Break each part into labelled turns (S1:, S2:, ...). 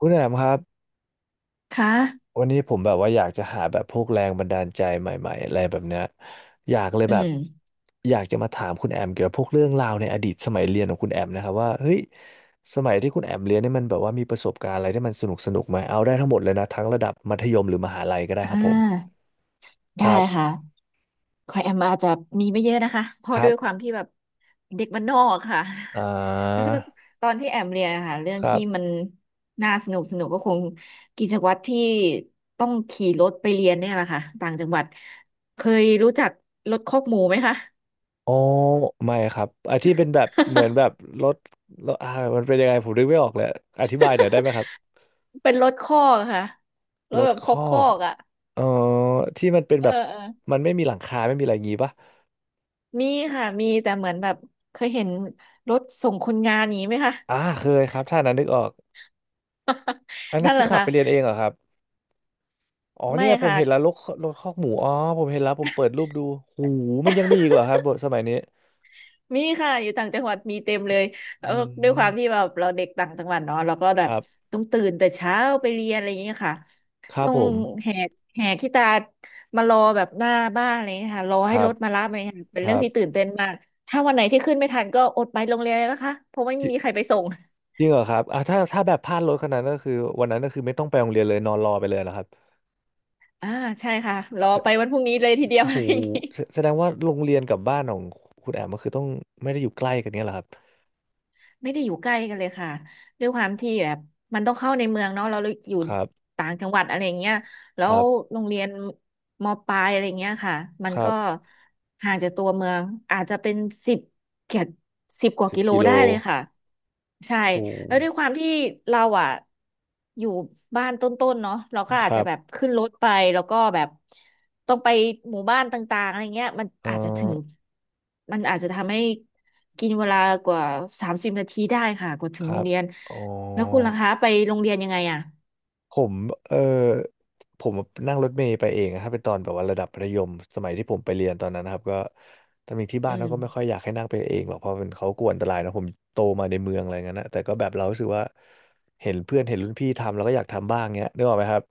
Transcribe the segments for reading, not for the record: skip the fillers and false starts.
S1: คุณแอมครับ
S2: ค่ะ
S1: วันนี้ผมแบบว่าอยากจะหาแบบพวกแรงบันดาลใจใหม่ๆอะไรแบบเนี้ยอยากเลย
S2: อื
S1: แบบ
S2: ม
S1: อยากจะมาถามคุณแอมเกี่ยวกับพวกเรื่องราวในอดีตสมัยเรียนของคุณแอมนะครับว่าเฮ้ยสมัยที่คุณแอมเรียนเนี่ยมันแบบว่ามีประสบการณ์อะไรที่มันสนุกสนุกไหมเอาได้ทั้งหมดเลยนะทั้งระดับมัธยมหรือมหาลัยก็ได้
S2: อ่
S1: ครับผม
S2: า
S1: ค
S2: ได้
S1: รับ
S2: ค่ะคอยแอมอาจจะมีไม่เยอะนะคะเพ
S1: ค
S2: ราะ
S1: รั
S2: ด้ว
S1: บ
S2: ยความที่แบบเด็กบ้านนอกค่ะ
S1: อ่
S2: ก็
S1: า
S2: คือตอนที่แอมเรียนอะค่ะเรื่อง
S1: ครั
S2: ที่มั
S1: บ
S2: นน่าสนุกสนุกก็คงกิจวัตรที่ต้องขี่รถไปเรียนเนี่ยแหละค่ะต่างจังหวัดเคยรู้จักรถคอกหมูไหมคะ
S1: อ๋อไม่ครับไอ้ที่เป็นแบบเหมือนแบบรถรถมันเป็นยังไงผมนึกไม่ออกเลยอธิบายหน่อยได้ไหม ครับ
S2: เป็นรถคอกค่ะร
S1: ร
S2: ถ
S1: ถ
S2: แบบ
S1: ค
S2: คอก
S1: อ
S2: คอ
S1: ก
S2: กอ่ะ
S1: อ๋อที่มันเป็น
S2: เออ
S1: แบบ
S2: เออ
S1: มันไม่มีหลังคาไม่มีอะไรอย่างงี้ปะ
S2: มีค่ะมีแต่เหมือนแบบเคยเห็นรถส่งคนงานอย่างนี้ไหมคะ
S1: อ่าเคยครับถ้านั้นนึกออกอัน นั้
S2: นั่
S1: น
S2: นแห
S1: คือ
S2: ละ
S1: ขับ
S2: ค่ะ
S1: ไปเรียนเองเหรอครับอ๋อ
S2: ไม่
S1: เนี่ยผม
S2: ค่ะ
S1: เห็นแล้วรถรถคอกหมูอ๋อผมเห็นแล้วผมเปิดรูปดูหูมันยังมีอีกเหรอครับบทสมัยนี้
S2: มีค่ะอยู่ต่างจังหวัดมีเต็มเลยแล้ว
S1: อื
S2: ด้วยค
S1: ม
S2: วามที่แบบเราเด็กต่างจังหวัดเนาะเราก็แบ
S1: ค
S2: บ
S1: รับ
S2: ต้องตื่นแต่เช้าไปเรียนอะไรอย่างเงี้ยค่ะ
S1: ครั
S2: ต้
S1: บ
S2: อง
S1: ผม
S2: แหกแหกขี้ตามารอแบบหน้าบ้านอะไรอย่างเงี้ยค่ะรอ
S1: ค
S2: ให้
S1: รั
S2: ร
S1: บ
S2: ถมารับอะไรอย่างเงี้ยค่ะเป็
S1: ค
S2: น
S1: รั
S2: เรื่องที่ตื่
S1: บ
S2: นเต้นมากถ้าวันไหนที่ขึ้นไม่ทันก็อดไปโรงเรียนเลยนะคะเพราะไม่
S1: จ
S2: มีใคร
S1: ริ
S2: ไปส่ง
S1: จริงเหรอครับอ่าถ้าแบบพลาดรถขนาดนั้นก็คือวันนั้นก็คือไม่ต้องไปโรงเรียนเลยนอนรอไปเลยนะครับ
S2: อ่าใช่ค่ะรอ
S1: จะ
S2: ไปวันพรุ่งนี้เลยทีเดียว
S1: โอ้
S2: อะ
S1: โห
S2: ไรอย่างงี้
S1: แสดงว่าโรงเรียนกับบ้านของคุณแอมก็คือต้องไม่ได้อยู่ใกล้กันเนี้ยเหรอครับ
S2: ไม่ได้อยู่ใกล้กันเลยค่ะด้วยความที่แบบมันต้องเข้าในเมืองเนาะเราอยู่
S1: ครับ
S2: ต่างจังหวัดอะไรอย่างเงี้ยแล้
S1: ค
S2: ว
S1: รับ
S2: โรงเรียนมปลายอะไรเงี้ยค่ะมัน
S1: ครั
S2: ก็
S1: บ
S2: ห่างจากตัวเมืองอาจจะเป็นสิบเกือบสิบกว่า
S1: สิบ
S2: กิโล
S1: กิโล
S2: ได้เลยค่ะใช่
S1: โอ้
S2: แล้วด้วยความที่เราอ่ะอยู่บ้านต้นๆเนาะเราก็
S1: ค
S2: อาจ
S1: รั
S2: จะแบบ
S1: บ
S2: ขึ้นรถไปแล้วก็แบบต้องไปหมู่บ้านต่างๆอะไรเงี้ยมัน
S1: เอ่
S2: อาจจะถึง
S1: อ
S2: มันอาจจะทำให้กินเวลากว่า30 นาทีได้ค่ะกว่าถึ
S1: ค
S2: งโร
S1: รั
S2: ง
S1: บ
S2: เรียน
S1: อ๋
S2: แล้วคุณ
S1: อ
S2: ล่ะคะไปโรงเรียนยังไงอ่ะ
S1: ผมเออผมนั่งรถเมล์ไปเองนะครับเป็นตอนแบบว่าระดับมรธยมสมัยที่ผมไปเรียนตอนนั้นนะครับก็ตอนนี้ที่
S2: อื
S1: บ้านเขา
S2: ม
S1: ก็ไม่ค่อยอยากให้นั่งไปเองหรอกเพราะเป็นเขากลัวอันตรายนะผมโตมาในเมืองอะไรเงี้ยนะแต่ก็แบบเรารู้สึกว่าเห็นเพื่อนเห็นรุ่นพี่ทำเราก็อยากทำบ้างเงี้ยนึกออกไหมครับ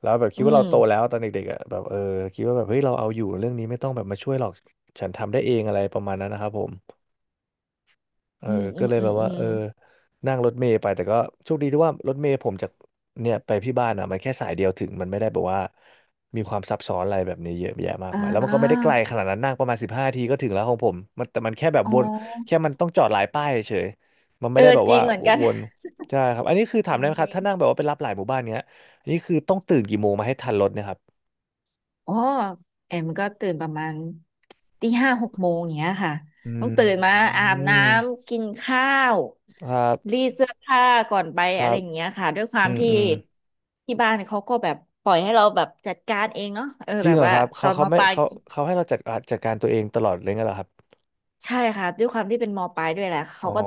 S1: แล้วแบบคิ
S2: อื
S1: ดว่าเรา
S2: ม
S1: โตแล้วตอนเด็กๆอ่ะแบบเออคิดว่าแบบเฮ้ยเราเอาอยู่เรื่องนี้ไม่ต้องแบบมาช่วยหรอกฉันทำได้เองอะไรประมาณนั้นนะครับผม เออ
S2: อืมอื
S1: ก็
S2: ม
S1: เลย
S2: อื
S1: แบ
S2: ม
S1: บ
S2: อื
S1: ว่า
S2: ม
S1: เออนั่งรถเมล์ไปแต่ก็โชคดีที่ว่ารถเมล์ผมจากเนี่ยไปพี่บ้านอ่ะมันแค่สายเดียวถึงมันไม่ได้แบบว่ามีความซับซ้อนอะไรแบบนี้เยอะแยะมาก
S2: อ่
S1: มายแล้วมันก็ไม่ได้ไก
S2: า
S1: ลขนาดนั้นนั่งประมาณ15ทีก็ถึงแล้วของผมมันแต่มันแค่แบบ
S2: อ๋
S1: วน
S2: อ
S1: แค่มันต้องจอดหลายป้ายเฉยมันไม่
S2: เอ
S1: ได้
S2: อ
S1: แบบ
S2: จริ
S1: ว่า
S2: งเหมือน
S1: ว
S2: กั
S1: ก
S2: น
S1: วนใช่ครับอันนี้คือถา
S2: จ
S1: ม
S2: ริ
S1: ได้
S2: ง
S1: ไหมค
S2: จ
S1: รับ
S2: ริง
S1: ถ้านั่งแบบว่าไปรับหลายหมู่บ้านเงี้ยอันนี้คือต้องตื่นกี่โมงมาให้ทันรถเนะครับ
S2: อ๋อแอมก็ตื่นประมาณ ตี 56 โมงอย่างเงี้ยค่ะ
S1: อื
S2: ต้องตื่นมาอาบน้
S1: ม
S2: ำกินข้าว
S1: ครับ
S2: รีดเสื้อผ้าก่อนไป
S1: ครั
S2: อะไร
S1: บ
S2: อย่างเงี้ยค่ะด้วยควา
S1: อื
S2: ม
S1: ม
S2: ที่
S1: อืม
S2: ที่บ้านเขาก็แบบปล่อยให้เราแบบจัดการเองเนาะเออ
S1: จริ
S2: แบ
S1: ง
S2: บ
S1: เหรอ
S2: ว่า
S1: ครับ
S2: ตอนมาปลาย
S1: เขาเขาให้เราจัดจัดการตัวเองตลอดเลยงั้นเหรอครับ
S2: ใช่ค่ะด้วยความที่เป็นมปลายด้วยแหละ
S1: อ๋
S2: เขา
S1: อ
S2: ก็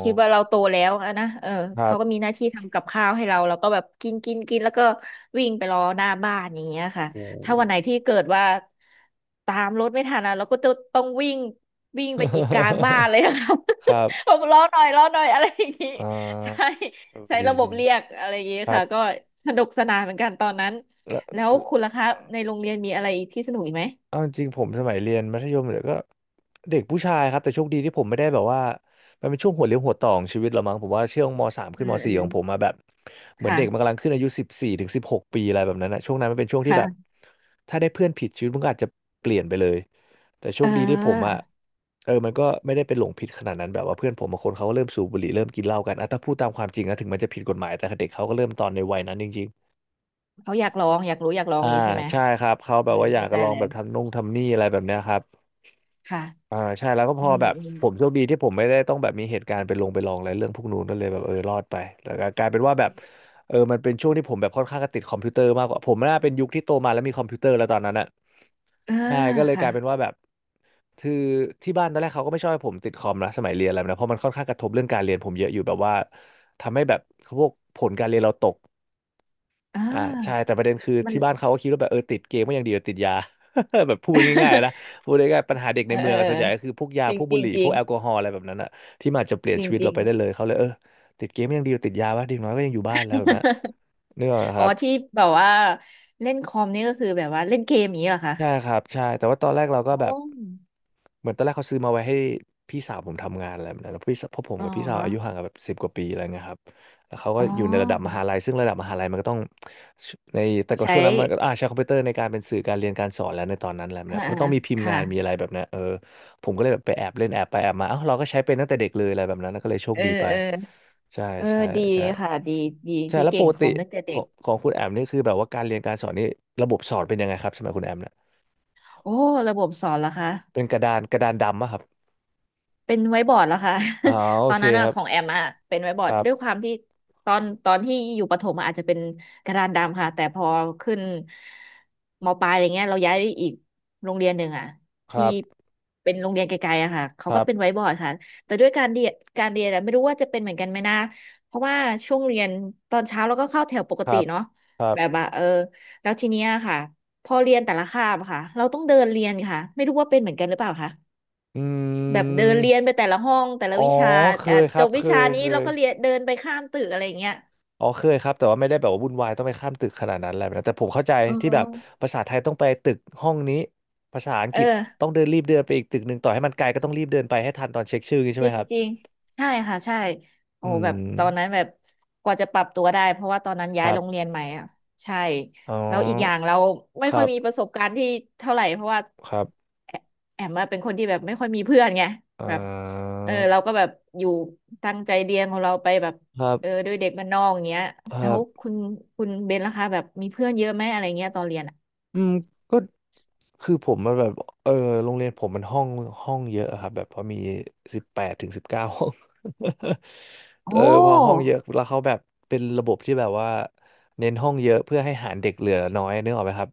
S2: คิดว่าเราโตแล้วอะนะเออ
S1: ครั
S2: เขาก็มี
S1: บ
S2: หน้าที่ทำกับข้าวให้เราเราก็แบบกินกินกินแล้วก็วิ่งไปรอหน้าบ้านอย่างเงี้ยค่ะ
S1: โ
S2: ถ้าวั
S1: ห
S2: นไหนที่เกิดว่าตามรถไม่ทันอะเราก็จะต้องวิ่งวิ่งไปอีกกลางบ้าน เลยอะค่ะ
S1: ครับ
S2: ผกรอหน่อยรอหน่อยอะไรอย่างงี้
S1: อ่
S2: ใช่
S1: าเออ
S2: ใช้
S1: ดี
S2: ระบ
S1: ดี
S2: บเรียกอะไรอย่างงี้
S1: ครั
S2: ค่ะ
S1: บ
S2: ก็สนุกสนานเหมือนกันตอนนั้น
S1: แล้ว
S2: แล้วคุณล่ะคะในโรงเรียนมีอะไรที่สนุกอีกไหม
S1: เอาจริงๆผมสมัยเรียนมัธยมเนี่ยก็เด็กผู้ชายครับแต่โชคดีที่ผมไม่ได้แบบว่ามันเป็นช่วงหัวเลี้ยวหัวต่อของชีวิตเรามั้งผมว่าช่วงมสาม
S2: อ
S1: ขึ้นม
S2: เอ
S1: สี่
S2: อ
S1: ของผม
S2: ม
S1: มาแบบเหมือนเด็กมันกำ
S2: ค่ะ
S1: ลังขึ้นอายุ14 ถึง 16 ปีอะไรแบบนั้นนะช่วงนั้นมันเป็นช่วงที่แบบ
S2: ค่ะ
S1: ถ้าได้เพื่อนผิดชีวิตมันก็อาจจะเปลี่ยนไปเลยแต่โช
S2: เอ
S1: คดีที่ผมอ่ะ
S2: อ
S1: เออมันก็ไม่ได้เป็นหลงผิดขนาดนั้นแบบว่าเพื่อนผมบางคนเขาก็เริ่มสูบบุหรี่เริ่มกินเหล้ากันอ่ะถ้าพูดตามความจริงนะถึงมันจะผิดกฎหมายแต่เด็กเขาก็เริ่มตอนในวัยนั้นจริง
S2: เขาอยากลองอยากรู้อยากลอ
S1: ๆ
S2: งอ
S1: อ่า
S2: ย่างนี้ใช่ไหม
S1: ใช่ครับเขา
S2: เอ
S1: แบ
S2: อ
S1: บว่าอยาก
S2: เข้าใจ
S1: จะลอง
S2: เล
S1: แบ
S2: ย
S1: บทำนุ่งทำนี่อะไรแบบเนี้ยครับ
S2: ค่ะ
S1: อ่าใช่แล้วก็พ
S2: อื
S1: อ
S2: ม
S1: แบบ
S2: อืม
S1: ผมโชคดีที่ผมไม่ได้ต้องแบบมีเหตุการณ์ไปลงไปลองอะไรเรื่องพวกนู้นก็เลยแบบเออรอดไปแล้วก็กลายเป็นว่าแบบเออมันเป็นช่วงที่ผมแบบค่อนข้างจะติดคอมพิวเตอร์มากกว่าผมน่าเป็นยุคที่โตมาแล้วมีคอมพิวเตอร์แล้วตอนนั้นอ่ะ
S2: เออ
S1: ใช่ก็เลยก
S2: ค่ะ
S1: ลายเป็นว่าแบบคือที่บ้านตอนแรกเขาก็ไม่ชอบให้ผมติดคอมนะสมัยเรียนอะไรแบบนะเพราะมันค่อนข้างกระทบเรื่องการเรียนผมเยอะอยู่แบบว่าทำให้แบบพวกผลการเรียนเราตก
S2: เ
S1: อ่าใช่
S2: ออ
S1: แต่ประเด็นคือ
S2: มัน
S1: ที่บ้านเขาก็คิดว่าแบบเออติดเกมก็ยังดีกว่าติดยา แบบพูดง่ายๆนะ พูดง่ายๆปัญหาเด็ก
S2: เอ
S1: ใน
S2: อ
S1: เมื
S2: เอ
S1: อ
S2: อ
S1: งอะ
S2: เอ
S1: ส่
S2: อ
S1: วนใหญ่ก็คือพวกยา
S2: จริ
S1: พ
S2: ง
S1: วก
S2: จ
S1: บุ
S2: ริ
S1: ห
S2: ง
S1: รี่
S2: จ
S1: พ
S2: ริ
S1: ว
S2: ง
S1: กแอลกอฮอล์อะไรแบบนั้นอะที่มันอาจจะเปลี่ยน
S2: จริ
S1: ชี
S2: ง
S1: วิต
S2: จ
S1: เรา
S2: ริง
S1: ไปได้เลยเขาเลยติดเกมก็ยังดีกว่าติดยาวะดีน้อยก็ยังอยู่บ้านแล้วแบบนั้น นึกออกไหม
S2: อ๋
S1: ค
S2: อ
S1: รับ
S2: ที่แบบว่าเล่นคอมนี่ก็คือแบบว่าเล่นเกมอย่างนี้เหรอคะ
S1: ใช่ครับใช่แต่ว่าตอนแรกเราก็แบบ
S2: โอ้
S1: เหมือนตอนแรกเขาซื้อมาไว้ให้พี่สาวผมทำงานอะไรแบบนั้นแล้วพี่สาวเพราะผม
S2: อ๋อ
S1: กับพี่สาวอายุห่างกันแบบสิบกว่าปีอะไรเงี้ยครับแล้วเขาก็
S2: อ๋
S1: อยู่ในระดับม
S2: อ
S1: หาลัยซึ่งระดับมหาลัยมันก็ต้องในแต่ก็
S2: ใช้
S1: ช่วงนั้นมันก็ใช้คอมพิวเตอร์ในการเป็นสื่อการเรียนการสอนแล้วในตอนนั้นอะไรแหละ
S2: อ่า
S1: เนเพราะต้อ
S2: อ่า
S1: งมีพิมพ์
S2: ค่ะ
S1: งานมีอะไรแบบนี้นผมก็เลยแบบไปแอบเล่นแอบไปแอบมาเอ้าเราก็ใช้เป็นตั้งแต่เด็กเลยอะไรแบบนั้นก็เลยโช
S2: เอ
S1: ค
S2: อ
S1: ดีไป
S2: เออ
S1: ใช่
S2: เออ
S1: ใช่
S2: ดี
S1: ใช่
S2: ค่ะดีดี
S1: ใช่
S2: ที่
S1: แล้ว
S2: เก่
S1: ป
S2: ง
S1: ก
S2: ค
S1: ติ
S2: อมตั้งแต่
S1: ข
S2: เด็
S1: อ
S2: ก
S1: งของคุณแอมนี่คือแบบว่าการเรียนการสอนนี่ระบบสอนเป็นยังไงครับสมัยคุณแอมเนี่ย
S2: โอ้ระบบสอนเหรอคะ
S1: เป็นกระดานดำอะครับ
S2: เป็นไว้บอร์ดแล้วค่ะ
S1: อ๋อ โอ
S2: ตอน
S1: เค
S2: นั้น
S1: ค
S2: อะ
S1: รับ
S2: ของแอมอะเป็นไว้บอ
S1: ค
S2: ร์ด
S1: รั
S2: ด้วยค
S1: บ
S2: วามที่ตอนที่อยู่ประถมอะอาจจะเป็นกระดานดำค่ะแต่พอขึ้นมปลายอะไรเงี้ยเราย้ายไปอีกโรงเรียนหนึ่งอะ
S1: ค
S2: ที่
S1: รับ
S2: เป็นโรงเรียนไกลๆอะค่ะเขา
S1: ค
S2: ก็
S1: รั
S2: เป็นไว้
S1: บ
S2: บอร์ดค่ะแต่ด้วยการเรียนอะไม่รู้ว่าจะเป็นเหมือนกันไหมนะเพราะว่าช่วงเรียนตอนเช้าเราก็เข้าแถวปก
S1: ค
S2: ติ
S1: รับ
S2: เนาะ
S1: ครั
S2: แบบ
S1: บ
S2: ว่าเออแล้วทีเนี้ยค่ะพอเรียนแต่ละคาบอะค่ะเราต้องเดินเรียนค่ะไม่รู้ว่าเป็นเหมือนกันหรือเปล่าคะ
S1: อื
S2: แบบเดิน
S1: ม
S2: เรียนไปแต่ละห้องแต่ละ
S1: อ๋อ
S2: วิชา
S1: เค
S2: อ่ะ
S1: ยค
S2: จ
S1: รับ
S2: บ
S1: เค
S2: วิชา
S1: ย
S2: นี้
S1: เค
S2: เรา
S1: ย
S2: ก็เรียนเดินไปข้ามตึกอะไรอย่างเงี้ย
S1: อ๋อเคยครับแต่ว่าไม่ได้แบบว่าวุ่นวายต้องไปข้ามตึกขนาดนั้นอะไรแบบนั้นแต่ผมเข้าใจ
S2: เอ
S1: ที่แบบ
S2: อ
S1: ภาษาไทยต้องไปตึกห้องนี้ภาษาอัง
S2: เอ
S1: กฤษ
S2: อ
S1: ต้องเดินไปอีกตึกหนึ่งต่อให้มันไกลก็ต้องรีบเดินไปให้ทันตอนเช็คชื่ออย่างงี้ใช่
S2: จ
S1: ไหม
S2: ริง
S1: ครับ
S2: จริงใช่ค่ะใช่โอ้
S1: อื
S2: แบบตอนนั้น
S1: ม
S2: แบบกว่าจะปรับตัวได้เพราะว่าตอนนั้น
S1: ค
S2: ย้าย
S1: รั
S2: โรงเรี
S1: บ
S2: ยนใหม่อ่ะใช่
S1: อ๋อ
S2: แล้วอีกอย่างเราไม่
S1: ค
S2: ค่
S1: รั
S2: อยมีป
S1: บ
S2: ระสบการณ์ที่เท่าไหร่เพราะว่า
S1: ครับ
S2: แอแอมอะเป็นคนที่แบบไม่ค่อยมีเพื่อนไง
S1: อ่
S2: แบบ
S1: า
S2: เออเราก็แบบอยู่ตั้งใจเรียนของเราไปแบบ
S1: ครั
S2: เออ
S1: บ
S2: ด้วยเด็กบ้านนอกอย่างเงี้ย
S1: ครั
S2: แล้ว
S1: บ
S2: คุณเบนล่ะคะแบบมีเพื่อนเยอะไหมอะไรเงี้ยตอนเรียนอ่ะ
S1: อืมก็คือผมมันแบบเออโรงเรียนผมมันห้องเยอะอะครับแบบพอมี18 ถึง 19 ห้อง
S2: โอ้
S1: พอห้องเยอะแล้วเขาแบบเป็นระบบที่แบบว่าเน้นห้องเยอะเพื่อให้หารเด็กเหลือน้อยนึกออกไหมครับ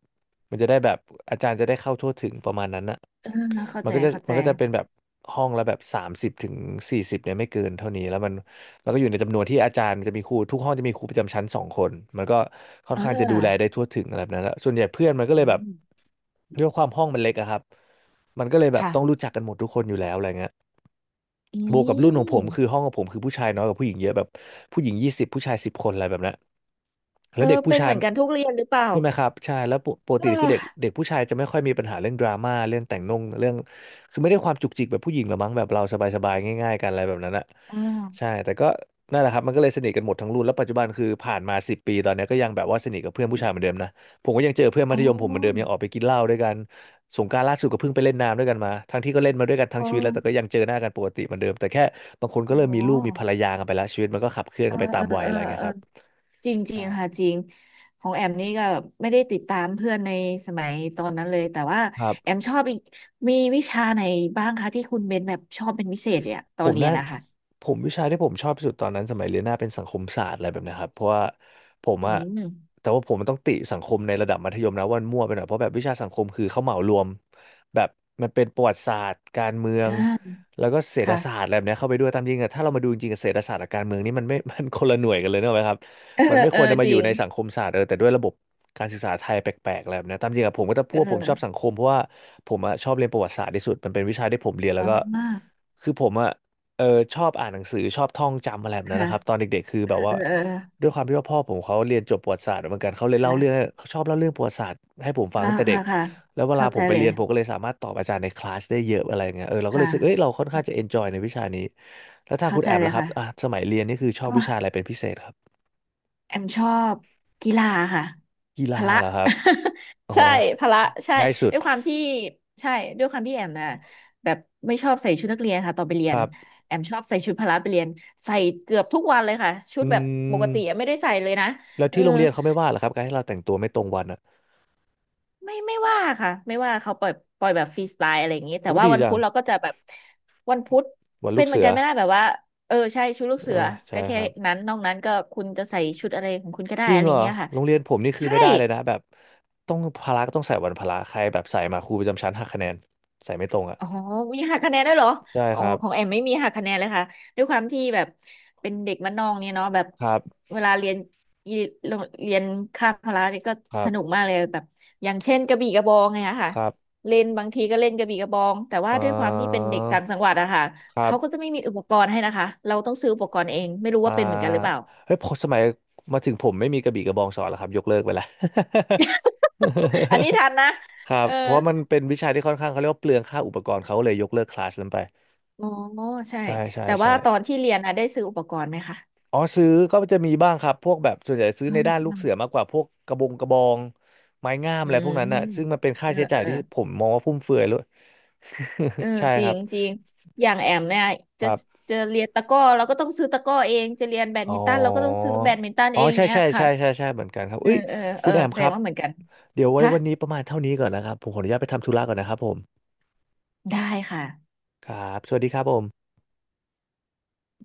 S1: มันจะได้แบบอาจารย์จะได้เข้าทั่วถึงประมาณนั้นนะ
S2: เออเข้า
S1: มัน
S2: ใจ
S1: ก็จะ
S2: เข้า
S1: มั
S2: ใจ
S1: นก็จะเป็นแบบห้องละแบบ30 ถึง 40เนี่ยไม่เกินเท่านี้แล้วมันแล้วก็อยู่ในจำนวนที่อาจารย์จะมีครูทุกห้องจะมีครูประจำชั้น2 คนมันก็ค่อน
S2: เอ
S1: ข้างจะดูแลได้
S2: อ
S1: ทั่วถึงอะไรแบบนั้นแล้วส่วนใหญ่เพื่อนมันก็เล
S2: อื
S1: ยแบบ
S2: ม
S1: ด้วยความห้องมันเล็กอะครับมันก็เลยแบบต้องรู้
S2: ค่ะ
S1: จักกันหมดทุกคนอยู่แล้วอะไรเงี้ย
S2: อื
S1: บวกกับรุ่นของผม
S2: ม
S1: คือห้องของผมคือผู้ชายน้อยกว่าผู้หญิงเยอะแบบผู้หญิง20ผู้ชาย10 คนอะไรแบบนั้นแล้
S2: เอ
S1: ว
S2: อ
S1: เด็กผู้
S2: เป็น
S1: ชา
S2: เห
S1: ย
S2: มือนกันทุกเรียนหรือเปล่า
S1: ใช่ไหมครับใช่แล้วปกปก
S2: เอ
S1: ติ
S2: อ
S1: คือเด็กเด็กผู้ชายจะไม่ค่อยมีปัญหาเรื่องดราม่าเรื่องแต่งนงเรื่องคือไม่ได้ความจุกจิกแบบผู้หญิงหรอกมั้งแบบเราสบายๆง่ายๆกันอะไรแบบนั้นอะ
S2: อ่
S1: ใช่
S2: า
S1: แต่ก็นั่นแหละครับมันก็เลยสนิทกันหมดทั้งรุ่นแล้วปัจจุบันคือผ่านมา10 ปีตอนเนี้ยก็ยังแบบว่าสนิทกับเพื่อนผู้ชายเหมือนเดิมนะผมก็ยังเจอเพื่อนมั
S2: อ๋อ
S1: ธยมผมเหมือนเดิมยังออกไปกินเหล้าด้วยกัน สงกรานต์ล่าสุดก็เพิ่งไปเล่นน้ำด้วยกันมา ทั้งที่ก็เล่นมาด้วยกันทั้ง
S2: อ๋อ
S1: ชีวิตแล้วแต่ก็ยังเจอหน้ากันปกติเหมือนเดิมแต่แค่บางคนก็
S2: อ๋อ
S1: เริ่มมีลูกมีภรรยากันไปแล้วชีวิตมันก็ขับเคลื่อน
S2: เอ
S1: กั
S2: อ
S1: นไปตา
S2: เอ
S1: ม
S2: อ
S1: วัย
S2: เออ
S1: อะไรเงี้ย
S2: เออ
S1: ครับ
S2: จริงจริ
S1: ใช่
S2: งค่ะจริงของแอมนี่ก็แบบไม่ได้ติดตามเพื่อนในสมัยตอนนั้นเลยแต่ว่า
S1: ครั
S2: แอ
S1: บ
S2: มชอบอีกมีวิชาไหนบ้างคะที่คุณเบนแบบชอบเป็นพิเศษเนี่ยต
S1: ผ
S2: อน
S1: ม
S2: เรียน
S1: น่า
S2: นะคะ
S1: ผมวิชาที่ผมชอบที่สุดตอนนั้นสมัยเรียนหน้าเป็นสังคมศาสตร์อะไรแบบเนะครับเพราะว่าผม
S2: อื
S1: อะ
S2: ม
S1: แต่ว่าผมมันต้องติสังคมในระดับมัธยมนะว่ามันมั่วไปหน่อยเพราะแบบวิชาสังคมคือเขาเหมารวมแบบมันเป็นประวัติศาสตร์การเมือ
S2: อ
S1: ง
S2: ่า
S1: แล้วก็เศรษฐ
S2: ค่ะ
S1: ศาสตร์อะไรแบบเนี้ยเข้าไปด้วยตามจริงอะถ้าเรามาดูจริงกับเศรษฐศาสตร์กับการเมืองนี่มันไม่ มันคนละหน่วยกันเลยเนกอะครับ
S2: เออ
S1: มันไม่
S2: เอ
S1: ค
S2: อ
S1: วรจะมา
S2: จ
S1: อ
S2: ริ
S1: ยู่
S2: ง
S1: ในสังคมศาสตร์แต่ด้วยระบบการศึกษาไทยแปลกๆอะไรแบบเนี้ยตามจริงอะผมก็จะพู
S2: เ
S1: ดว่าผมชอบสั
S2: ออ
S1: งคมเพราะว่าผมอะชอบเรียนประวัติศาสตร์ที่สุดมันเป็นวิชาที่ผมเรียนแล้
S2: อ๋
S1: ว
S2: อ
S1: ก็คือผมอะ เออชอบอ่านหนังสือชอบท่องจำอะไรแบบนั้น
S2: ค่ะ
S1: นะครับตอนเด็กๆคือ
S2: เอ
S1: แบ
S2: อ
S1: บว่า
S2: เออเออ
S1: ด้วยความที่ว่าพ่อผมเขาเรียนจบประวัติศาสตร์เหมือนกันเขาเลยเล่าเรื่อง
S2: ค่ะ
S1: เขาชอบเล่าเรื่องประวัติศาสตร์ให้ผมฟัง
S2: ค่ะ
S1: ตั้งแต่เด็ก
S2: ค่ะค่ะ
S1: แล้วเวลา
S2: เข้า
S1: ผ
S2: ใจ
S1: มไป
S2: เล
S1: เรี
S2: ย
S1: ยนผมก็เลยสามารถตอบอาจารย์ในคลาสได้เยอะอะไรอย่างเงี้ยเราก็เลย
S2: ค่ะ
S1: รู้สึกเอ้ยเราค่อนข้างจะเอนจอยในวิชานี้แล้วถ้า
S2: เข้า
S1: คุณ
S2: ใจ
S1: แอม
S2: เล
S1: ล่ะ
S2: ย
S1: ครับ
S2: ค่ะ
S1: อ่ะสมัยเรียนนี่คือชอ
S2: ก็
S1: บวิชาอะไรเป็นพิเศษครับ
S2: แอมชอบกีฬาค่ะ
S1: กี
S2: พ
S1: ฬา
S2: ละ
S1: เหรอครับอ๋อ
S2: ใช่พละใช่
S1: ง่ายสุด
S2: ด้วยความที่ใช่ด้วยความที่แอมน่ะแบบไม่ชอบใส่ชุดนักเรียนค่ะตอนไปเรี
S1: ค
S2: ยน
S1: รับ
S2: แอมชอบใส่ชุดพละไปเรียนใส่เกือบทุกวันเลยค่ะ ชุ
S1: อื
S2: ดแบบปกติอะ
S1: ม
S2: ไม่ได้ใส่เลยนะ
S1: แล้ว
S2: เออ
S1: ที่โรงเรียนเขาไม่ว่าเหรอครับการที่เราแต่งตัวไม่ตรงวันอ่ะ
S2: ไม่ว่าค่ะไม่ว่าเขาปล่อยปล่อยแบบฟรีสไตล์อะไรอย่างนี้แต่
S1: อู้
S2: ว่า
S1: ดี
S2: วัน
S1: จั
S2: พุ
S1: ง
S2: ธเราก็จะแบบวันพุธ
S1: วัน
S2: เป็
S1: ลู
S2: น
S1: ก
S2: เหมือ
S1: เสื
S2: น
S1: อ
S2: กันไม่ได้แบบว่าเออใช่ชุดลูก
S1: เอ
S2: เสือ
S1: อใช่
S2: ก็
S1: ค
S2: แค่
S1: รับ
S2: นั้นนอกนั้นก็คุณจะใส่ชุดอะไรของคุณก็ได้
S1: จริง
S2: อะไร
S1: เหรอ
S2: เงี้ยค่ะ
S1: โรงเรียนผมนี่คือ
S2: ใช่
S1: ไม่ได้เลยนะแบบต้องพละก็ต้องใส่วันพละใครแบบใส่มาครูประจำชั้นหักคะแนนใส่ไม่ตรงอ่ะ
S2: อ๋อมีหักคะแนนด้วยเหรอ
S1: ใช่
S2: อ๋อ
S1: ครับ
S2: ของแอมไม่มีหักคะแนนเลยค่ะด้วยความที่แบบเป็นเด็กบ้านนอกเนี่ยเนาะแบบ
S1: ครับ
S2: เวลาเรียนอีโรงเรียนคาบพละเนี่ยก็
S1: ครั
S2: ส
S1: บ
S2: นุกมากเลยแบบอย่างเช่นกระบี่กระบองไงอะค่ะ
S1: ครับ
S2: เล่นบางทีก็เล่นกระบี่กระบองแต่ว่า
S1: เอ่
S2: ด้วยความที่เป็น
S1: อ
S2: เด็กต่างจังหวัดอะค่ะ
S1: ครั
S2: เขาก็
S1: บ
S2: จะไม่มีอุปกรณ์ให้นะคะเราต้องซื้ออุปกรณ์เองไม่รู้
S1: อ่า
S2: ว่าเป็นเหมือนกันหรือเปล่า
S1: เฮ้ยพอสมัยมาถึงผมไม่มีกระบี่กระบองสอนแล้วครับยกเลิกไปแล้ว
S2: อันนี้ ทันนะ
S1: ครับ
S2: เออ
S1: เพราะว่ามันเป็นวิชาที่ค่อนข้างเขาเรียกว่าเปลืองค่าอุปกรณ์เขาเลยยกเลิกคลาสนั้นไป
S2: อ๋อใช่
S1: ใช่ใช่
S2: แต่ว่า
S1: ใช่
S2: ตอนที่เรียนอะได้ซื้ออุปกรณ์ไหมคะ
S1: อ๋อซื้อก็จะมีบ้างครับพวกแบบส่วนใหญ่ซื้อ
S2: อื
S1: ใน
S2: ม
S1: ด้านลู
S2: อื
S1: ก
S2: ม
S1: เสือมากกว่าพวกกระบงกระบองไม้งาม
S2: อื
S1: อะไรพวก
S2: ม
S1: นั้นน่ะซึ่งมันเป็นค่า
S2: เออ
S1: ใช้
S2: เอ
S1: จ่าย
S2: อ
S1: ที่ผมมองว่าฟุ่มเฟือยเลย
S2: เออ
S1: ใช่
S2: จ
S1: ค
S2: ริ
S1: รั
S2: ง
S1: บ
S2: จริงอย่างแอมเนี่ย
S1: ค
S2: จะ
S1: รับ
S2: จะเรียนตะกร้อเราก็ต้องซื้อตะกร้อเองจะเรียนแบด
S1: อ๋
S2: มินตันเราก็ต้อง
S1: อ
S2: ซื้อแบดมินตัน
S1: อ๋อ
S2: เอง
S1: ใช่
S2: เนี้ย
S1: ใช่
S2: ค่ะ
S1: ใช่ใช่ใช่เหมือนกันครับ
S2: เออ
S1: เอ้ย
S2: เออเอ
S1: คุ
S2: อ
S1: ณแอม
S2: แส
S1: ค
S2: ด
S1: รั
S2: ง
S1: บ
S2: ว่าเหมือนกัน
S1: เดี๋ยวไว้
S2: ฮะ
S1: วันนี้ประมาณเท่านี้ก่อนนะครับผมขออนุญาตไปทำธุระก่อนนะครับผม
S2: ได้ค่ะ
S1: ครับสวัสดีครับผม